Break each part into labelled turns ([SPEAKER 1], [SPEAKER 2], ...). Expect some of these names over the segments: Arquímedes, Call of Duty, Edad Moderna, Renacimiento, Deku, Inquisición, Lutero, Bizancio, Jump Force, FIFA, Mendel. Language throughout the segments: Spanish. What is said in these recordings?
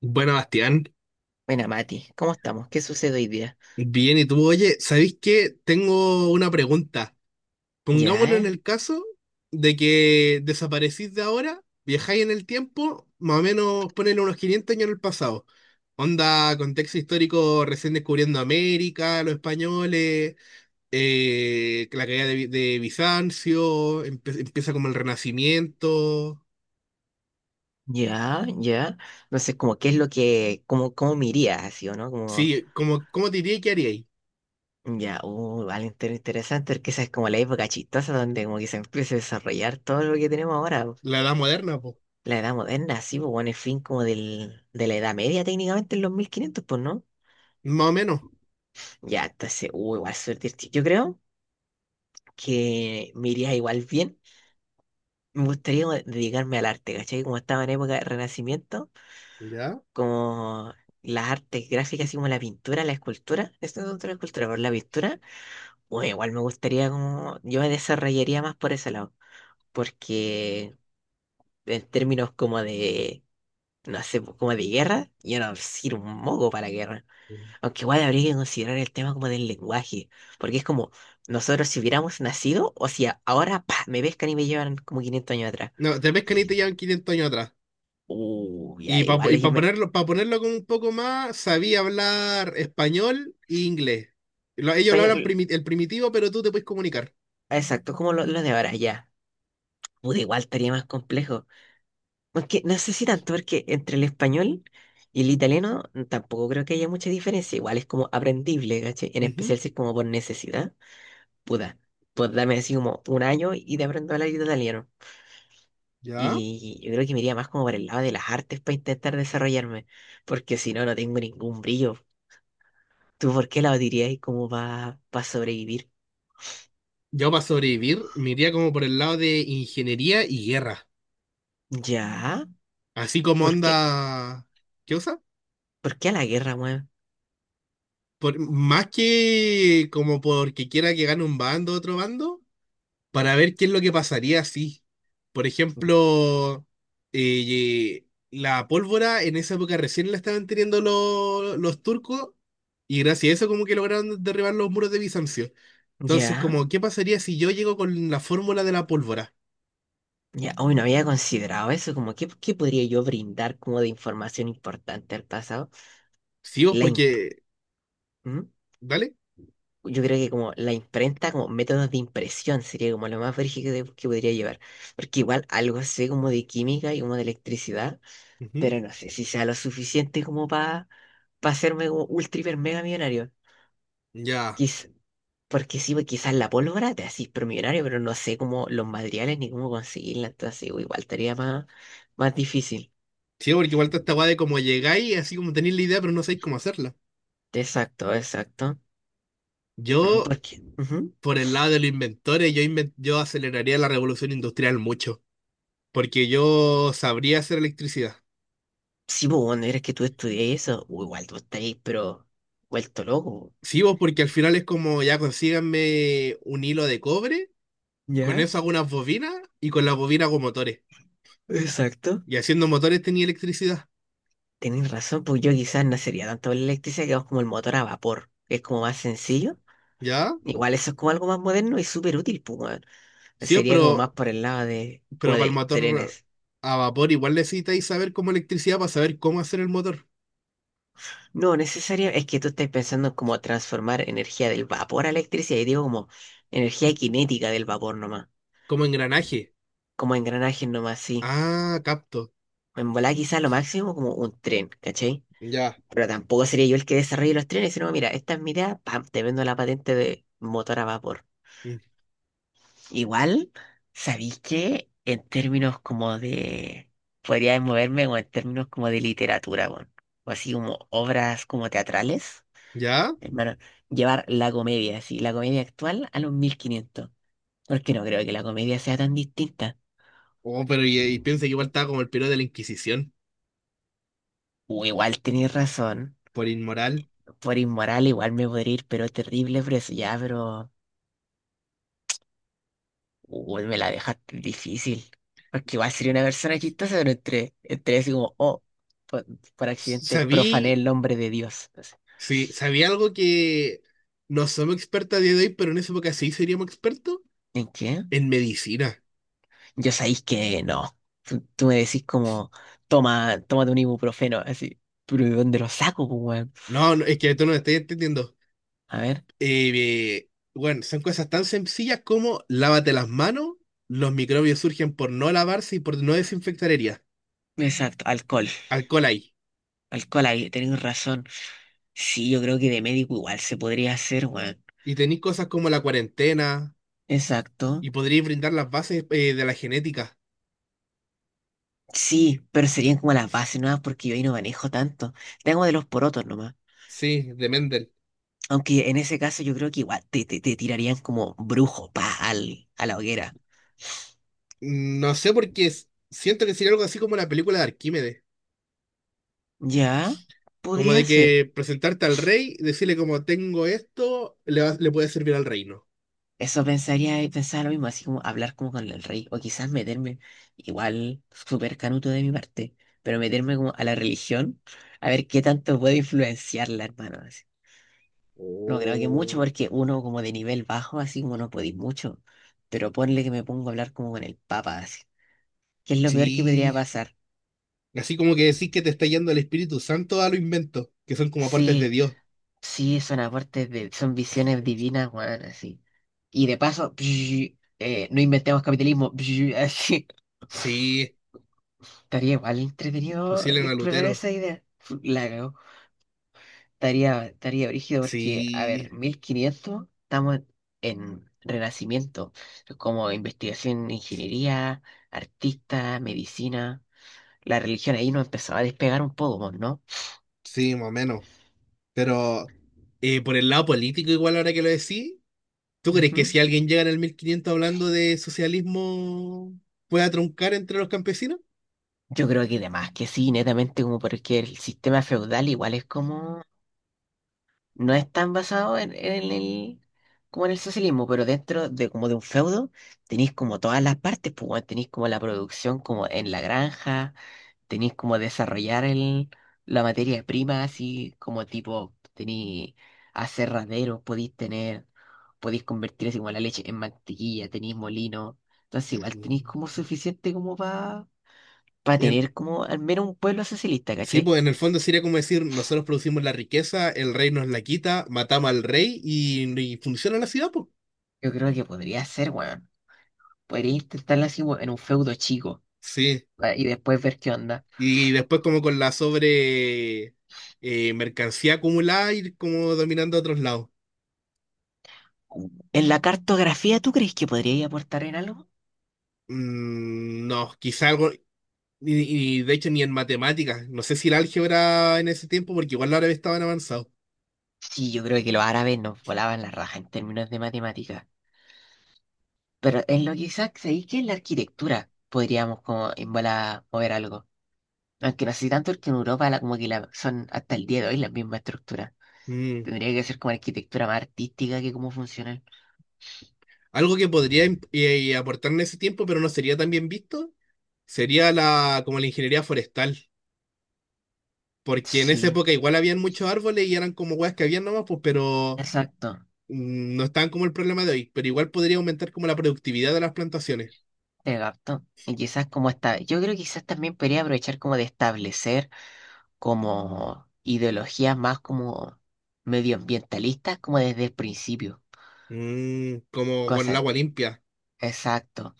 [SPEAKER 1] Bueno, Bastián,
[SPEAKER 2] Buena, Mati, ¿cómo estamos? ¿Qué sucede hoy día?
[SPEAKER 1] bien, ¿y tú? Oye, ¿sabéis qué? Tengo una pregunta.
[SPEAKER 2] Ya,
[SPEAKER 1] Pongámonos en el caso de que desaparecís de ahora, viajáis en el tiempo, más o menos ponen unos 500 años en el pasado. Onda, contexto histórico, recién descubriendo América, los españoles, la caída de Bizancio, empieza como el Renacimiento.
[SPEAKER 2] ya, ya. No sé, como qué es lo que, como, cómo me iría así, ¿o no? Como,
[SPEAKER 1] Sí, como, ¿cómo te diría que haríais?
[SPEAKER 2] ya, vale, interesante, porque esa es como la época chistosa donde como que se empieza a desarrollar todo lo que tenemos ahora. Po.
[SPEAKER 1] La Edad Moderna, pues,
[SPEAKER 2] La edad moderna, sí, pues bueno, el fin como del, de la edad media técnicamente en los 1500, pues, ¿no?
[SPEAKER 1] más o menos.
[SPEAKER 2] Ya, entonces, igual suerte. Yo creo que me iría igual bien. Me gustaría como dedicarme al arte, ¿cachai? Como estaba en época de Renacimiento.
[SPEAKER 1] ¿Ya?
[SPEAKER 2] Como las artes gráficas, así como la pintura, la escultura, esto es otra la escultura, pero la pintura, bueno, igual me gustaría como, yo me desarrollaría más por ese lado, porque en términos como de, no sé, pues, como de guerra, yo no sirvo un moco para la guerra, aunque igual habría que considerar el tema como del lenguaje, porque es como, nosotros si hubiéramos nacido, o sea, ahora, pa, me pescan y me llevan como 500 años atrás,
[SPEAKER 1] No, te pescan y te llevan 500 años atrás.
[SPEAKER 2] ya,
[SPEAKER 1] Y para
[SPEAKER 2] igual,
[SPEAKER 1] y pa ponerlo, para ponerlo como un poco más, sabía hablar español e inglés. Ellos lo hablan
[SPEAKER 2] pa-
[SPEAKER 1] el primitivo, pero tú te puedes comunicar.
[SPEAKER 2] exacto, como lo de ahora, ya. Puta, igual estaría más complejo. Aunque no sé si tanto, porque entre el español y el italiano tampoco creo que haya mucha diferencia. Igual es como aprendible, ¿cachai? En especial
[SPEAKER 1] Ujú.
[SPEAKER 2] si es como por necesidad. Puta, pues dame así como un año y te aprendo a hablar italiano.
[SPEAKER 1] Ya.
[SPEAKER 2] Y yo creo que me iría más como por el lado de las artes para intentar desarrollarme, porque si no, no tengo ningún brillo. ¿Tú por qué la dirías como para sobrevivir?
[SPEAKER 1] Yo para sobrevivir me iría como por el lado de ingeniería y guerra.
[SPEAKER 2] ¿Ya?
[SPEAKER 1] Así como
[SPEAKER 2] ¿Por qué?
[SPEAKER 1] onda. ¿Qué cosa?
[SPEAKER 2] ¿Por qué a la guerra, weón?
[SPEAKER 1] Más que como porque quiera que gane un bando otro bando, para ver qué es lo que pasaría si, por ejemplo, eh, la pólvora en esa época recién la estaban teniendo los turcos y gracias a eso como que lograron derribar los muros de Bizancio. Entonces,
[SPEAKER 2] ¿Ya?
[SPEAKER 1] como, ¿qué pasaría si yo llego con la fórmula de la pólvora?
[SPEAKER 2] Ya, hoy no había considerado eso, como qué, qué podría yo brindar como de información importante al pasado.
[SPEAKER 1] Sí, vos,
[SPEAKER 2] La imp-
[SPEAKER 1] porque.
[SPEAKER 2] ¿Mm?
[SPEAKER 1] ¿Dale?
[SPEAKER 2] Yo creo que como la imprenta, como métodos de impresión sería como lo más brígido que podría llevar. Porque igual algo sé como de química y como de electricidad,
[SPEAKER 1] Ujú.
[SPEAKER 2] pero no sé si sea lo suficiente como para hacerme como ultra hiper mega millonario.
[SPEAKER 1] Ya.
[SPEAKER 2] Quiz- Porque sí, pues quizás la pólvora te haces pero millonario, pero no sé cómo los materiales ni cómo conseguirla, entonces igual estaría más, más difícil.
[SPEAKER 1] Sí, porque igual está esta weá de como llegáis, así como tenéis la idea, pero no sabéis cómo hacerla.
[SPEAKER 2] Exacto, exacto. Mm,
[SPEAKER 1] Yo,
[SPEAKER 2] porque, ujú.
[SPEAKER 1] por el lado de los inventores, yo aceleraría la revolución industrial mucho. Porque yo sabría hacer electricidad.
[SPEAKER 2] Sí, pues, bueno, eres que tú estudias eso, o igual tú estáis, pero vuelto loco.
[SPEAKER 1] Sí, vos, porque al final es como ya consíganme un hilo de cobre, con
[SPEAKER 2] ¿Ya?
[SPEAKER 1] eso hago unas bobinas y con las bobinas hago motores.
[SPEAKER 2] Exacto.
[SPEAKER 1] Y haciendo motores tenía electricidad,
[SPEAKER 2] Tenés razón, pues yo quizás no sería tanto la electricidad, que es como el motor a vapor, que es como más sencillo.
[SPEAKER 1] ¿ya?
[SPEAKER 2] Igual eso es como algo más moderno y súper útil, pues, weón.
[SPEAKER 1] Sí, vos,
[SPEAKER 2] Sería como
[SPEAKER 1] pero,
[SPEAKER 2] más por el lado de, como
[SPEAKER 1] pero para el
[SPEAKER 2] de
[SPEAKER 1] motor
[SPEAKER 2] trenes.
[SPEAKER 1] a vapor igual necesitáis saber cómo electricidad para saber cómo hacer el motor,
[SPEAKER 2] No, necesario, es que tú estás pensando en cómo transformar energía del vapor a electricidad, y digo como energía cinética del vapor nomás,
[SPEAKER 1] como engranaje.
[SPEAKER 2] como engranajes nomás, sí.
[SPEAKER 1] Ah, capto.
[SPEAKER 2] En volada quizás lo máximo como un tren, ¿cachai?
[SPEAKER 1] Ya.
[SPEAKER 2] Pero tampoco sería yo el que desarrolle los trenes, sino, mira, esta es mi idea, pam, te vendo la patente de motor a vapor.
[SPEAKER 1] Mm.
[SPEAKER 2] Igual, ¿sabéis que en términos como de... podría moverme o en términos como de literatura, weón, o así como obras como teatrales,
[SPEAKER 1] ¿Ya?
[SPEAKER 2] hermano, llevar la comedia, así, la comedia actual a los 1500? Porque no creo que la comedia sea tan distinta.
[SPEAKER 1] Oh, pero y piensa que igual estaba como el periodo de la Inquisición,
[SPEAKER 2] O igual tenéis razón,
[SPEAKER 1] por inmoral.
[SPEAKER 2] por inmoral igual me podría ir, pero terrible por eso, ya, pero... Uy, me la dejaste difícil. Porque igual sería una persona chistosa, pero entre así como, oh, por, por accidente profané
[SPEAKER 1] Sabí
[SPEAKER 2] el nombre de Dios. Así.
[SPEAKER 1] Sí, sabía algo que no somos expertos a día de hoy, pero en esa época sí seríamos expertos
[SPEAKER 2] ¿En qué?
[SPEAKER 1] en medicina.
[SPEAKER 2] Yo sabéis que no. Tú me decís como, toma, tómate un ibuprofeno, así. Pero ¿de dónde lo saco, pues, weón?
[SPEAKER 1] No, no, es que tú no me estás entendiendo.
[SPEAKER 2] A ver.
[SPEAKER 1] Eh, bueno, son cosas tan sencillas como lávate las manos, los microbios surgen por no lavarse y por no desinfectar heridas.
[SPEAKER 2] Exacto, alcohol.
[SPEAKER 1] Alcohol ahí.
[SPEAKER 2] Alcohol ahí, tenéis razón. Sí, yo creo que de médico igual se podría hacer, weón.
[SPEAKER 1] Y tenéis cosas como la cuarentena
[SPEAKER 2] Exacto.
[SPEAKER 1] y podríais brindar las bases de la genética.
[SPEAKER 2] Sí, pero serían como las bases no, porque yo ahí no manejo tanto. Tengo de los porotos nomás.
[SPEAKER 1] Sí, de Mendel.
[SPEAKER 2] Aunque en ese caso yo creo que igual te tirarían como brujo, pa, al, a la hoguera.
[SPEAKER 1] No sé por qué siento que sería algo así como la película de Arquímedes.
[SPEAKER 2] Ya,
[SPEAKER 1] Como
[SPEAKER 2] podría
[SPEAKER 1] de
[SPEAKER 2] ser.
[SPEAKER 1] que presentarte al rey, decirle como tengo esto, le puede servir al reino.
[SPEAKER 2] Eso pensaría, pensaba lo mismo, así como hablar como con el rey, o quizás meterme, igual, súper canuto de mi parte, pero meterme como a la religión, a ver qué tanto puedo influenciarla, hermano. Así. No creo que mucho,
[SPEAKER 1] O-
[SPEAKER 2] porque uno como de nivel bajo, así como no podéis mucho, pero ponle que me pongo a hablar como con el papa, así. ¿Qué es lo peor que podría
[SPEAKER 1] Sí.
[SPEAKER 2] pasar?
[SPEAKER 1] Así como que decís que te está yendo el Espíritu Santo a lo invento, que son como partes de
[SPEAKER 2] Sí.
[SPEAKER 1] Dios.
[SPEAKER 2] Sí, son aportes de, son visiones divinas, weón, así. Y de paso, no inventemos capitalismo, así.
[SPEAKER 1] Sí,
[SPEAKER 2] Estaría igual entretenido
[SPEAKER 1] fusilen a
[SPEAKER 2] explorar
[SPEAKER 1] Lutero.
[SPEAKER 2] esa idea. La cagó. Estaría brígido porque, a
[SPEAKER 1] Sí,
[SPEAKER 2] ver, 1500 estamos en renacimiento, como investigación, ingeniería, artista, medicina. La religión ahí nos empezó a despegar un poco, ¿no?
[SPEAKER 1] sí, más o menos. Pero por el lado político, igual ahora que lo decís, ¿tú crees que si
[SPEAKER 2] Ujú.
[SPEAKER 1] alguien llega en el 1500 hablando de socialismo, pueda truncar entre los campesinos?
[SPEAKER 2] Yo creo que además que sí, netamente como porque el sistema feudal igual es como, no es tan basado como en el socialismo, pero dentro de como de un feudo tenéis como todas las partes, pues bueno, tenéis como la producción como en la granja, tenéis como desarrollar el, la materia prima, así como tipo, tenéis aserraderos, podéis tener, podéis convertir así como la leche en mantequilla, tenéis molino, entonces
[SPEAKER 1] Sí.
[SPEAKER 2] igual tenéis como suficiente como para
[SPEAKER 1] En-
[SPEAKER 2] tener como al menos un pueblo socialista,
[SPEAKER 1] Sí,
[SPEAKER 2] ¿cachai?
[SPEAKER 1] pues en el fondo sería como decir, nosotros producimos la riqueza, el rey nos la quita, matamos al rey y funciona la ciudad, pues.
[SPEAKER 2] Yo creo que podría ser, weón. Podría intentarlo así weón, en un feudo chico,
[SPEAKER 1] Sí.
[SPEAKER 2] ah, y después ver qué onda.
[SPEAKER 1] Y después como con la sobre mercancía acumulada ir como dominando a otros lados.
[SPEAKER 2] ¿En la cartografía tú crees que podría aportar en algo?
[SPEAKER 1] No, quizá algo, y de hecho ni en matemáticas, no sé si el álgebra en ese tiempo, porque igual los árabes estaban avanzados.
[SPEAKER 2] Sí, yo creo que los árabes nos volaban la raja en términos de matemáticas. Pero en lo que quizás ahí que en la arquitectura podríamos como en bola mover algo. Aunque no sé tanto que en Europa como que la, son hasta el día de hoy las mismas estructuras.
[SPEAKER 1] Mm,
[SPEAKER 2] Tendría que ser como arquitectura más artística que como funcional.
[SPEAKER 1] Algo que podría aportar en ese tiempo, pero no sería tan bien visto, sería la ingeniería forestal. Porque en esa
[SPEAKER 2] Sí,
[SPEAKER 1] época igual habían muchos árboles y eran como weas que habían nomás, pues, pero
[SPEAKER 2] exacto.
[SPEAKER 1] no estaban como el problema de hoy. Pero igual podría aumentar como la productividad de las plantaciones.
[SPEAKER 2] Te capto. Y quizás como está, yo creo que quizás también podría aprovechar como de establecer como ideologías más como medioambientalistas como desde el principio.
[SPEAKER 1] Como con el
[SPEAKER 2] Cosa,
[SPEAKER 1] agua limpia.
[SPEAKER 2] exacto.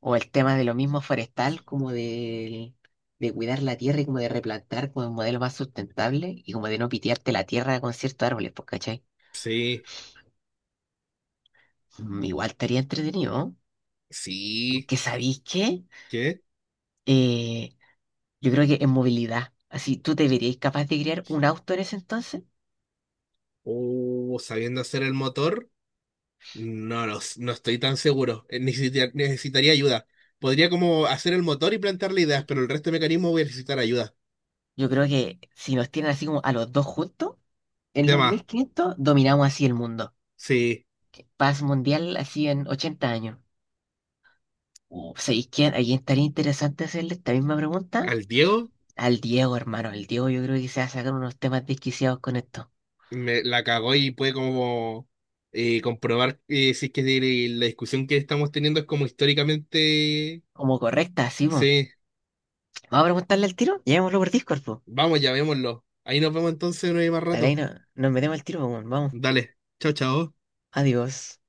[SPEAKER 2] O el tema de lo mismo forestal como de cuidar la tierra y como de replantar como un modelo más sustentable y como de no pitearte la tierra con ciertos árboles, pues, ¿cachai?
[SPEAKER 1] Sí,
[SPEAKER 2] Mm, igual estaría entretenido. ¿No?
[SPEAKER 1] sí.
[SPEAKER 2] Aunque sabéis que
[SPEAKER 1] ¿Qué?
[SPEAKER 2] eh, yo creo que en movilidad. Así, ¿tú te verías capaz de crear un auto en ese entonces?
[SPEAKER 1] Sabiendo hacer el motor, no, no estoy tan seguro. Necesitaría ayuda. Podría como hacer el motor y plantearle ideas, pero el resto de mecanismos voy a necesitar ayuda.
[SPEAKER 2] Yo creo que si nos tienen así como a los dos juntos, en
[SPEAKER 1] De
[SPEAKER 2] los
[SPEAKER 1] más.
[SPEAKER 2] 1500 dominamos así el mundo.
[SPEAKER 1] Sí.
[SPEAKER 2] Paz mundial así en 80 años. ¿Sabéis quién? ¿A quién estaría interesante hacerle esta misma pregunta?
[SPEAKER 1] ¿Al Diego?
[SPEAKER 2] Al Diego, hermano. El Diego yo creo que se va a sacar unos temas desquiciados con esto.
[SPEAKER 1] Me la cagó y puede como comprobar si es que la discusión que estamos teniendo es como históricamente.
[SPEAKER 2] Como correcta, así, pues.
[SPEAKER 1] Sí,
[SPEAKER 2] Vamos a preguntarle al tiro. Llevémoslo por Discord, pues.
[SPEAKER 1] vamos, llamémoslo. Ahí nos vemos entonces, no hay más
[SPEAKER 2] Dale, ahí
[SPEAKER 1] rato.
[SPEAKER 2] no, nos metemos al tiro, po, weón. Vamos.
[SPEAKER 1] Dale, chao, chao.
[SPEAKER 2] Adiós.